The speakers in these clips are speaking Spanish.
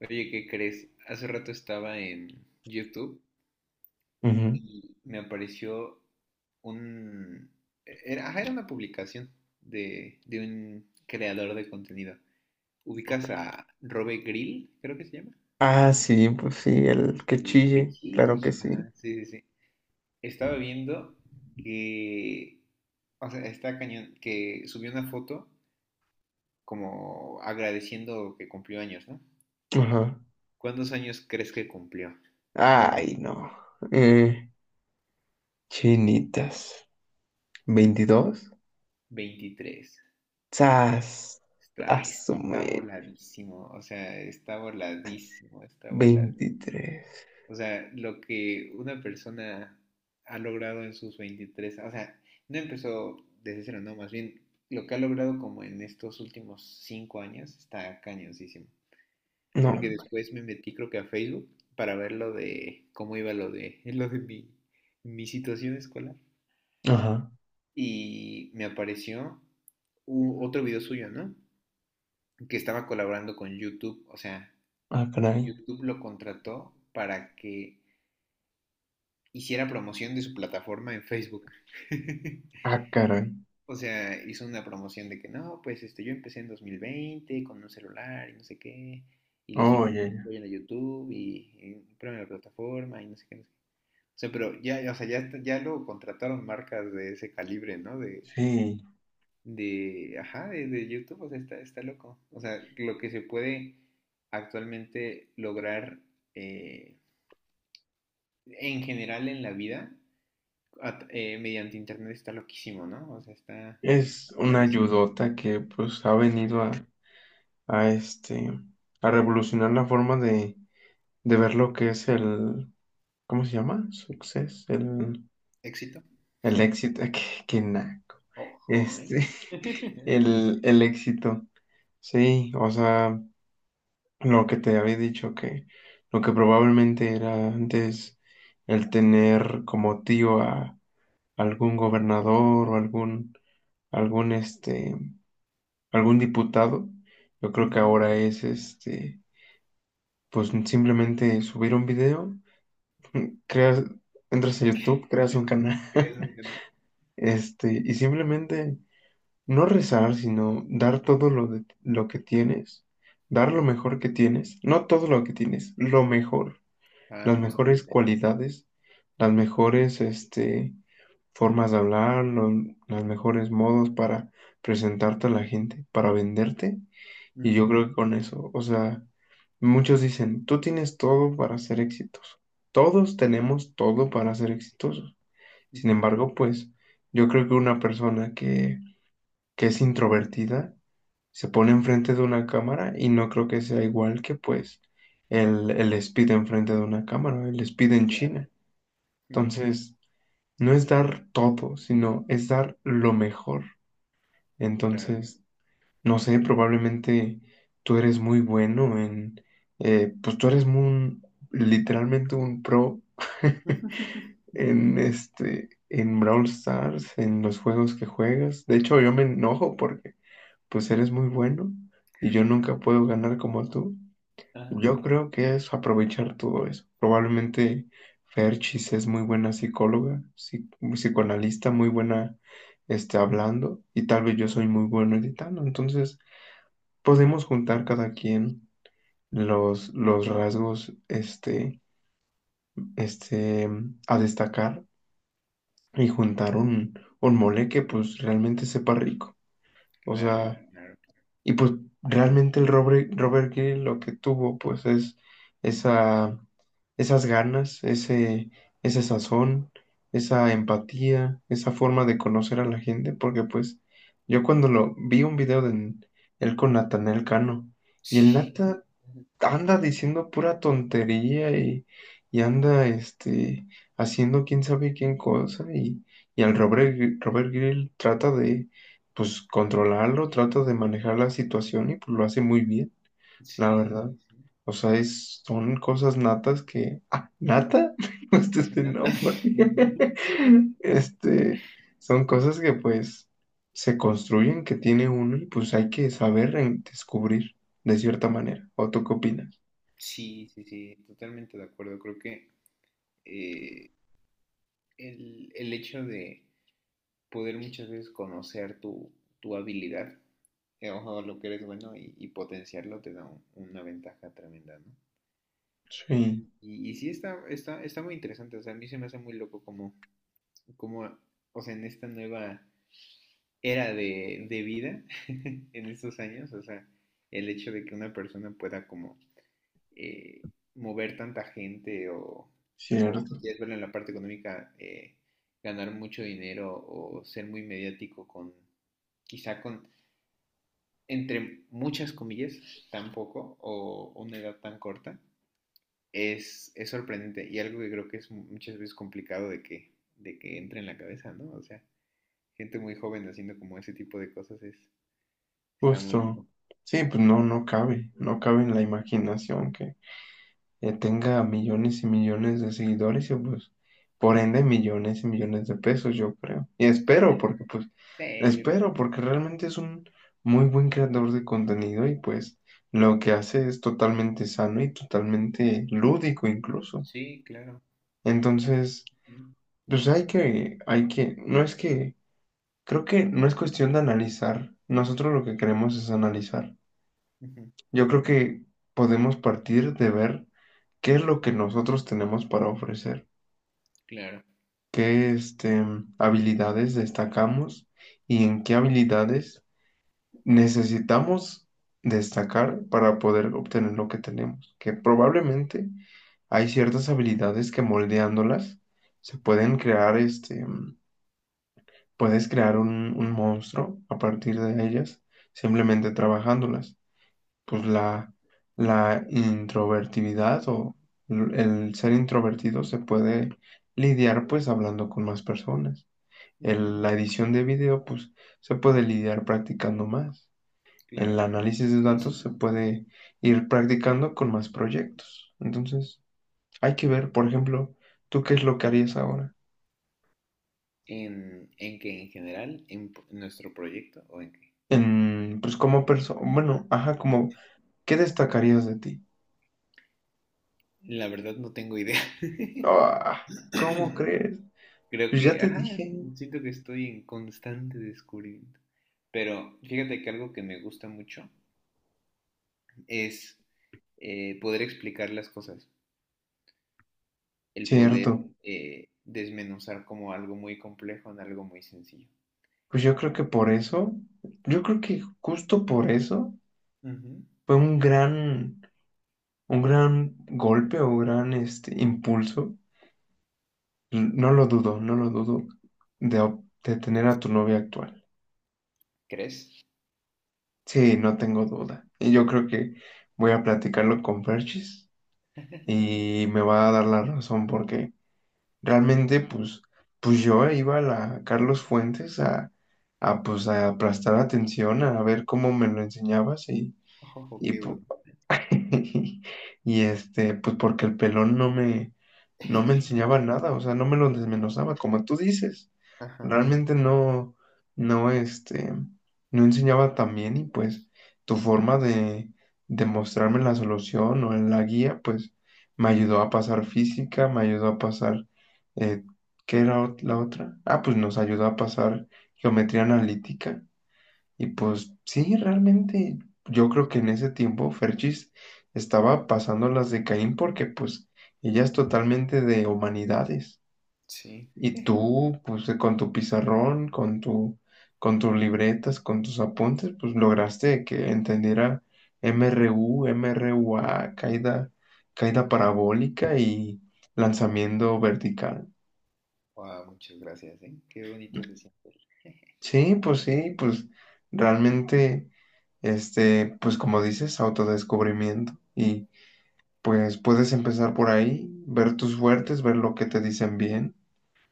Oye, ¿qué crees? Hace rato estaba en YouTube Ujú. y me apareció un... Era, ajá, era una publicación de un creador de contenido. ¿Ubicas Ok. a Robe Grill, creo que se llama? Ah, sí, pues sí, el El, que el que chille, chille. claro que sí. Ajá, sí, sí, sí. Estaba viendo que... O sea, está cañón, que subió una foto como agradeciendo que cumplió años, ¿no? Ajá. ¿Cuántos años crees que cumplió? Ay, no. Eh, chinitas. Veintidós. 23. ¡Sas! Está Asume. voladísimo, o sea, está voladísimo, está voladísimo. Veintitrés. O sea, lo que una persona ha logrado en sus 23, o sea, no empezó desde cero, no, más bien lo que ha logrado como en estos últimos 5 años está cañoncísimo. No. Porque hombre. después me metí creo que a Facebook para ver lo de cómo iba lo de lo de mi situación escolar. Ajá. Y me apareció otro video suyo, ¿no? Que estaba colaborando con YouTube, o sea, Ah, caray. YouTube lo contrató para que hiciera promoción de su plataforma en Facebook. Ah, caray. O sea, hizo una promoción de que no, pues este, yo empecé en 2020 con un celular y no sé qué, y los Oye, invito, vayan a YouTube y prueben la plataforma y no sé qué, no sé qué. O sea, pero ya, ya, o sea, ya, ya lo contrataron marcas de ese calibre, ¿no? Sí. De, ajá, de YouTube, o sea, está loco. O sea, lo que se puede actualmente lograr eh, en general en la vida, mediante internet está loquísimo, ¿no? O sea, está, Es está una voladísimo. ayudota que pues ha venido a este, a revolucionar la forma de ver lo que es ¿cómo se llama? Success. Éxito. El éxito, qué naco. Ojo, ¿eh? Este, el éxito. Sí, o sea, lo que te había dicho que lo que probablemente era antes el tener como tío a algún gobernador o algún este, algún diputado, yo creo que Ujú. ahora es pues simplemente subir un video, creas, entras a YouTube, creas un canal, ¿Crees entender? Y simplemente no rezar, sino dar todo lo, lo que tienes, dar lo mejor que tienes, no todo lo que tienes, lo mejor, Ah, las mejores justamente, sí. cualidades, las mejores formas de hablar, los mejores modos para presentarte a la gente, para venderte. Y Ujú, yo creo que con eso, o sea, muchos dicen, tú tienes todo para ser exitoso. Todos tenemos todo para ser exitosos. Sin ujú, embargo, pues yo creo que una persona que es introvertida, se pone enfrente de una cámara y no creo que sea igual que pues el speed enfrente de una cámara, el speed en claro, China. ujú, Entonces, no es dar todo, sino es dar lo mejor. claro. Entonces, no sé, probablemente tú eres muy bueno en, pues tú eres literalmente un pro en Brawl Stars, en los juegos que juegas. De hecho, yo me enojo porque pues eres muy bueno y yo nunca puedo ganar como tú. Ah, Yo creo que es aprovechar todo eso. Probablemente Ferchis es muy buena psicóloga, psicoanalista, muy buena hablando y tal vez yo soy muy bueno editando. Entonces podemos juntar cada quien los rasgos este, a destacar y juntar un mole que pues realmente sepa rico. O claro, sea, claro. y pues realmente el Robert Greene lo que tuvo pues es esa, esas ganas, ese sazón, esa empatía, esa forma de conocer a la gente, porque pues yo cuando lo vi un video de él con Natanael Cano y el Sí, Nata anda diciendo pura tontería y anda haciendo quién sabe quién cosa y al Robert Grill trata de pues controlarlo, trata de manejar la situación y pues lo hace muy bien, la sí, verdad. sí, sí. O sea, son cosas natas que... Ah, ¿nata? Me gusta ese Nata- nombre. Este, son cosas que pues se construyen, que tiene uno y pues hay que saber descubrir de cierta manera. ¿O tú qué opinas? Sí, sí, sí, totalmente de acuerdo. Creo que eh, el hecho de poder muchas veces conocer tu habilidad, o lo que eres bueno y potenciarlo te da una ventaja tremenda, ¿no? Sí, Y sí está, está, está muy interesante, o sea, a mí se me hace muy loco como, como, o sea, en esta nueva era de vida, en estos años, o sea, el hecho de que una persona pueda como eh, mover tanta gente o si cierto, quieres verlo en la parte económica, ganar mucho dinero o ser muy mediático con, quizá con, entre muchas comillas, tan poco o una edad tan corta, es sorprendente y algo que creo que es muchas veces complicado de que entre en la cabeza, ¿no? O sea, gente muy joven haciendo como ese tipo de cosas es, está muy justo. loco. Sí, pues no, no cabe en la imaginación que tenga millones y millones de seguidores y pues por ende millones y millones de pesos, yo creo. Y espero, Ujú. porque pues, Sí, yo creo espero, que porque realmente es un muy buen creador de contenido y pues lo que hace es totalmente sano y totalmente lúdico incluso. sí, claro. Pues, Entonces, ujú, pues hay que, no es que Creo que no es cuestión de analizar. Nosotros lo que queremos es analizar. ujú, Yo creo que podemos partir de ver qué es lo que nosotros tenemos para ofrecer, claro, qué habilidades destacamos y en qué habilidades necesitamos destacar para poder obtener lo que tenemos. Que probablemente hay ciertas habilidades que moldeándolas se pueden crear puedes crear un monstruo a partir de ellas, simplemente trabajándolas. Pues claro, la introvertibilidad o el ser introvertido se puede lidiar pues hablando con más personas. ujú, La edición de video pues se puede lidiar practicando más. El claro. análisis de Sí, sí, datos se sí. puede ir practicando con más proyectos. Entonces hay que ver, por ejemplo, tú qué es lo que harías ahora. En que ¿En general? ¿En nuestro proyecto o en qué? Pues como persona, bueno, ajá, como ¿qué destacarías de ti? La verdad no tengo idea. Ah, ¿cómo crees? Creo Pues ya que, te ajá, dije, siento que estoy en constante descubrimiento. Pero fíjate que algo que me gusta mucho es poder explicar las cosas, el poder cierto. Desmenuzar como algo muy complejo en algo muy sencillo. Pues yo creo que por eso, yo creo que justo por eso Ujú. fue un gran golpe o gran impulso. No lo dudo, no lo dudo de, de, tener a tu novia actual. ¿Crees? Sí, no tengo duda. Y yo creo que voy a platicarlo con Perchis y me va a dar la razón porque realmente, pues, pues yo iba a la Carlos Fuentes a, pues, a prestar atención, a ver cómo me lo enseñabas y Oh, y, qué bueno. pu- y pues porque el pelón no me, no me El enseñaba pelo. nada, o sea, no me lo desmenuzaba, como tú dices. Ajá, Realmente no, no, este, no enseñaba tan bien y pues tu forma de mostrarme la solución o en la guía, pues me ayudó a pasar física, me ayudó a pasar, eh, ¿qué era la otra? Ah, pues nos ayudó a pasar geometría analítica y pues sí, realmente yo creo que en ese tiempo Ferchis estaba pasando las de Caín porque pues ella es totalmente de humanidades. sí. Y tú, pues con tu pizarrón, con tus libretas, con tus apuntes, pues lograste que entendiera MRU, MRUA, caída, caída parabólica y lanzamiento vertical. Wow, muchas gracias, ¿eh? Qué bonito se siente. Sí, pues realmente, pues como dices, autodescubrimiento. Y pues puedes empezar por ahí, ver tus fuertes, ver lo que te dicen bien.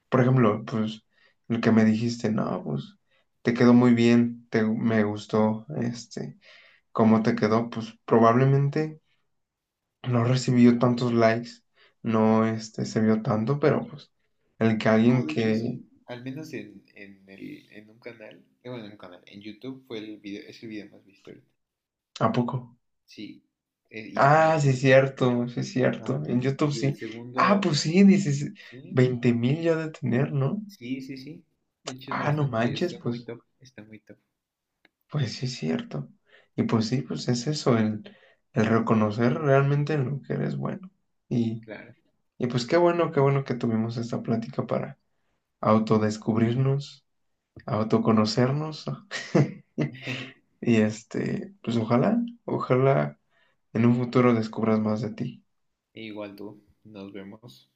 Por ejemplo, pues el que me dijiste, no, pues te quedó muy bien, me gustó, cómo te quedó, pues probablemente no recibió tantos likes, no, se vio tanto, pero pues el que No, alguien de hecho que, sí. Al menos en, el, en un canal, bueno, en un canal, en YouTube fue el video, es el video más visto. ¿a poco? Sí, Ah, sí es y, cierto, sí es cierto. ajá, En YouTube y el sí. Ah, segundo, pues sí, dices, sí, 20,000 ya de tener, ¿no? sí, sí, sí. De hecho es Ah, no bastante, manches, pues, está muy top, pues sí es cierto. Y pues sí, pues es eso, el reconocer realmente en lo que eres bueno. Y, claro. y pues qué bueno que tuvimos esta plática para autodescubrirnos, autoconocernos. Y pues ojalá, ojalá en un futuro descubras más de ti. Igual tú, nos vemos.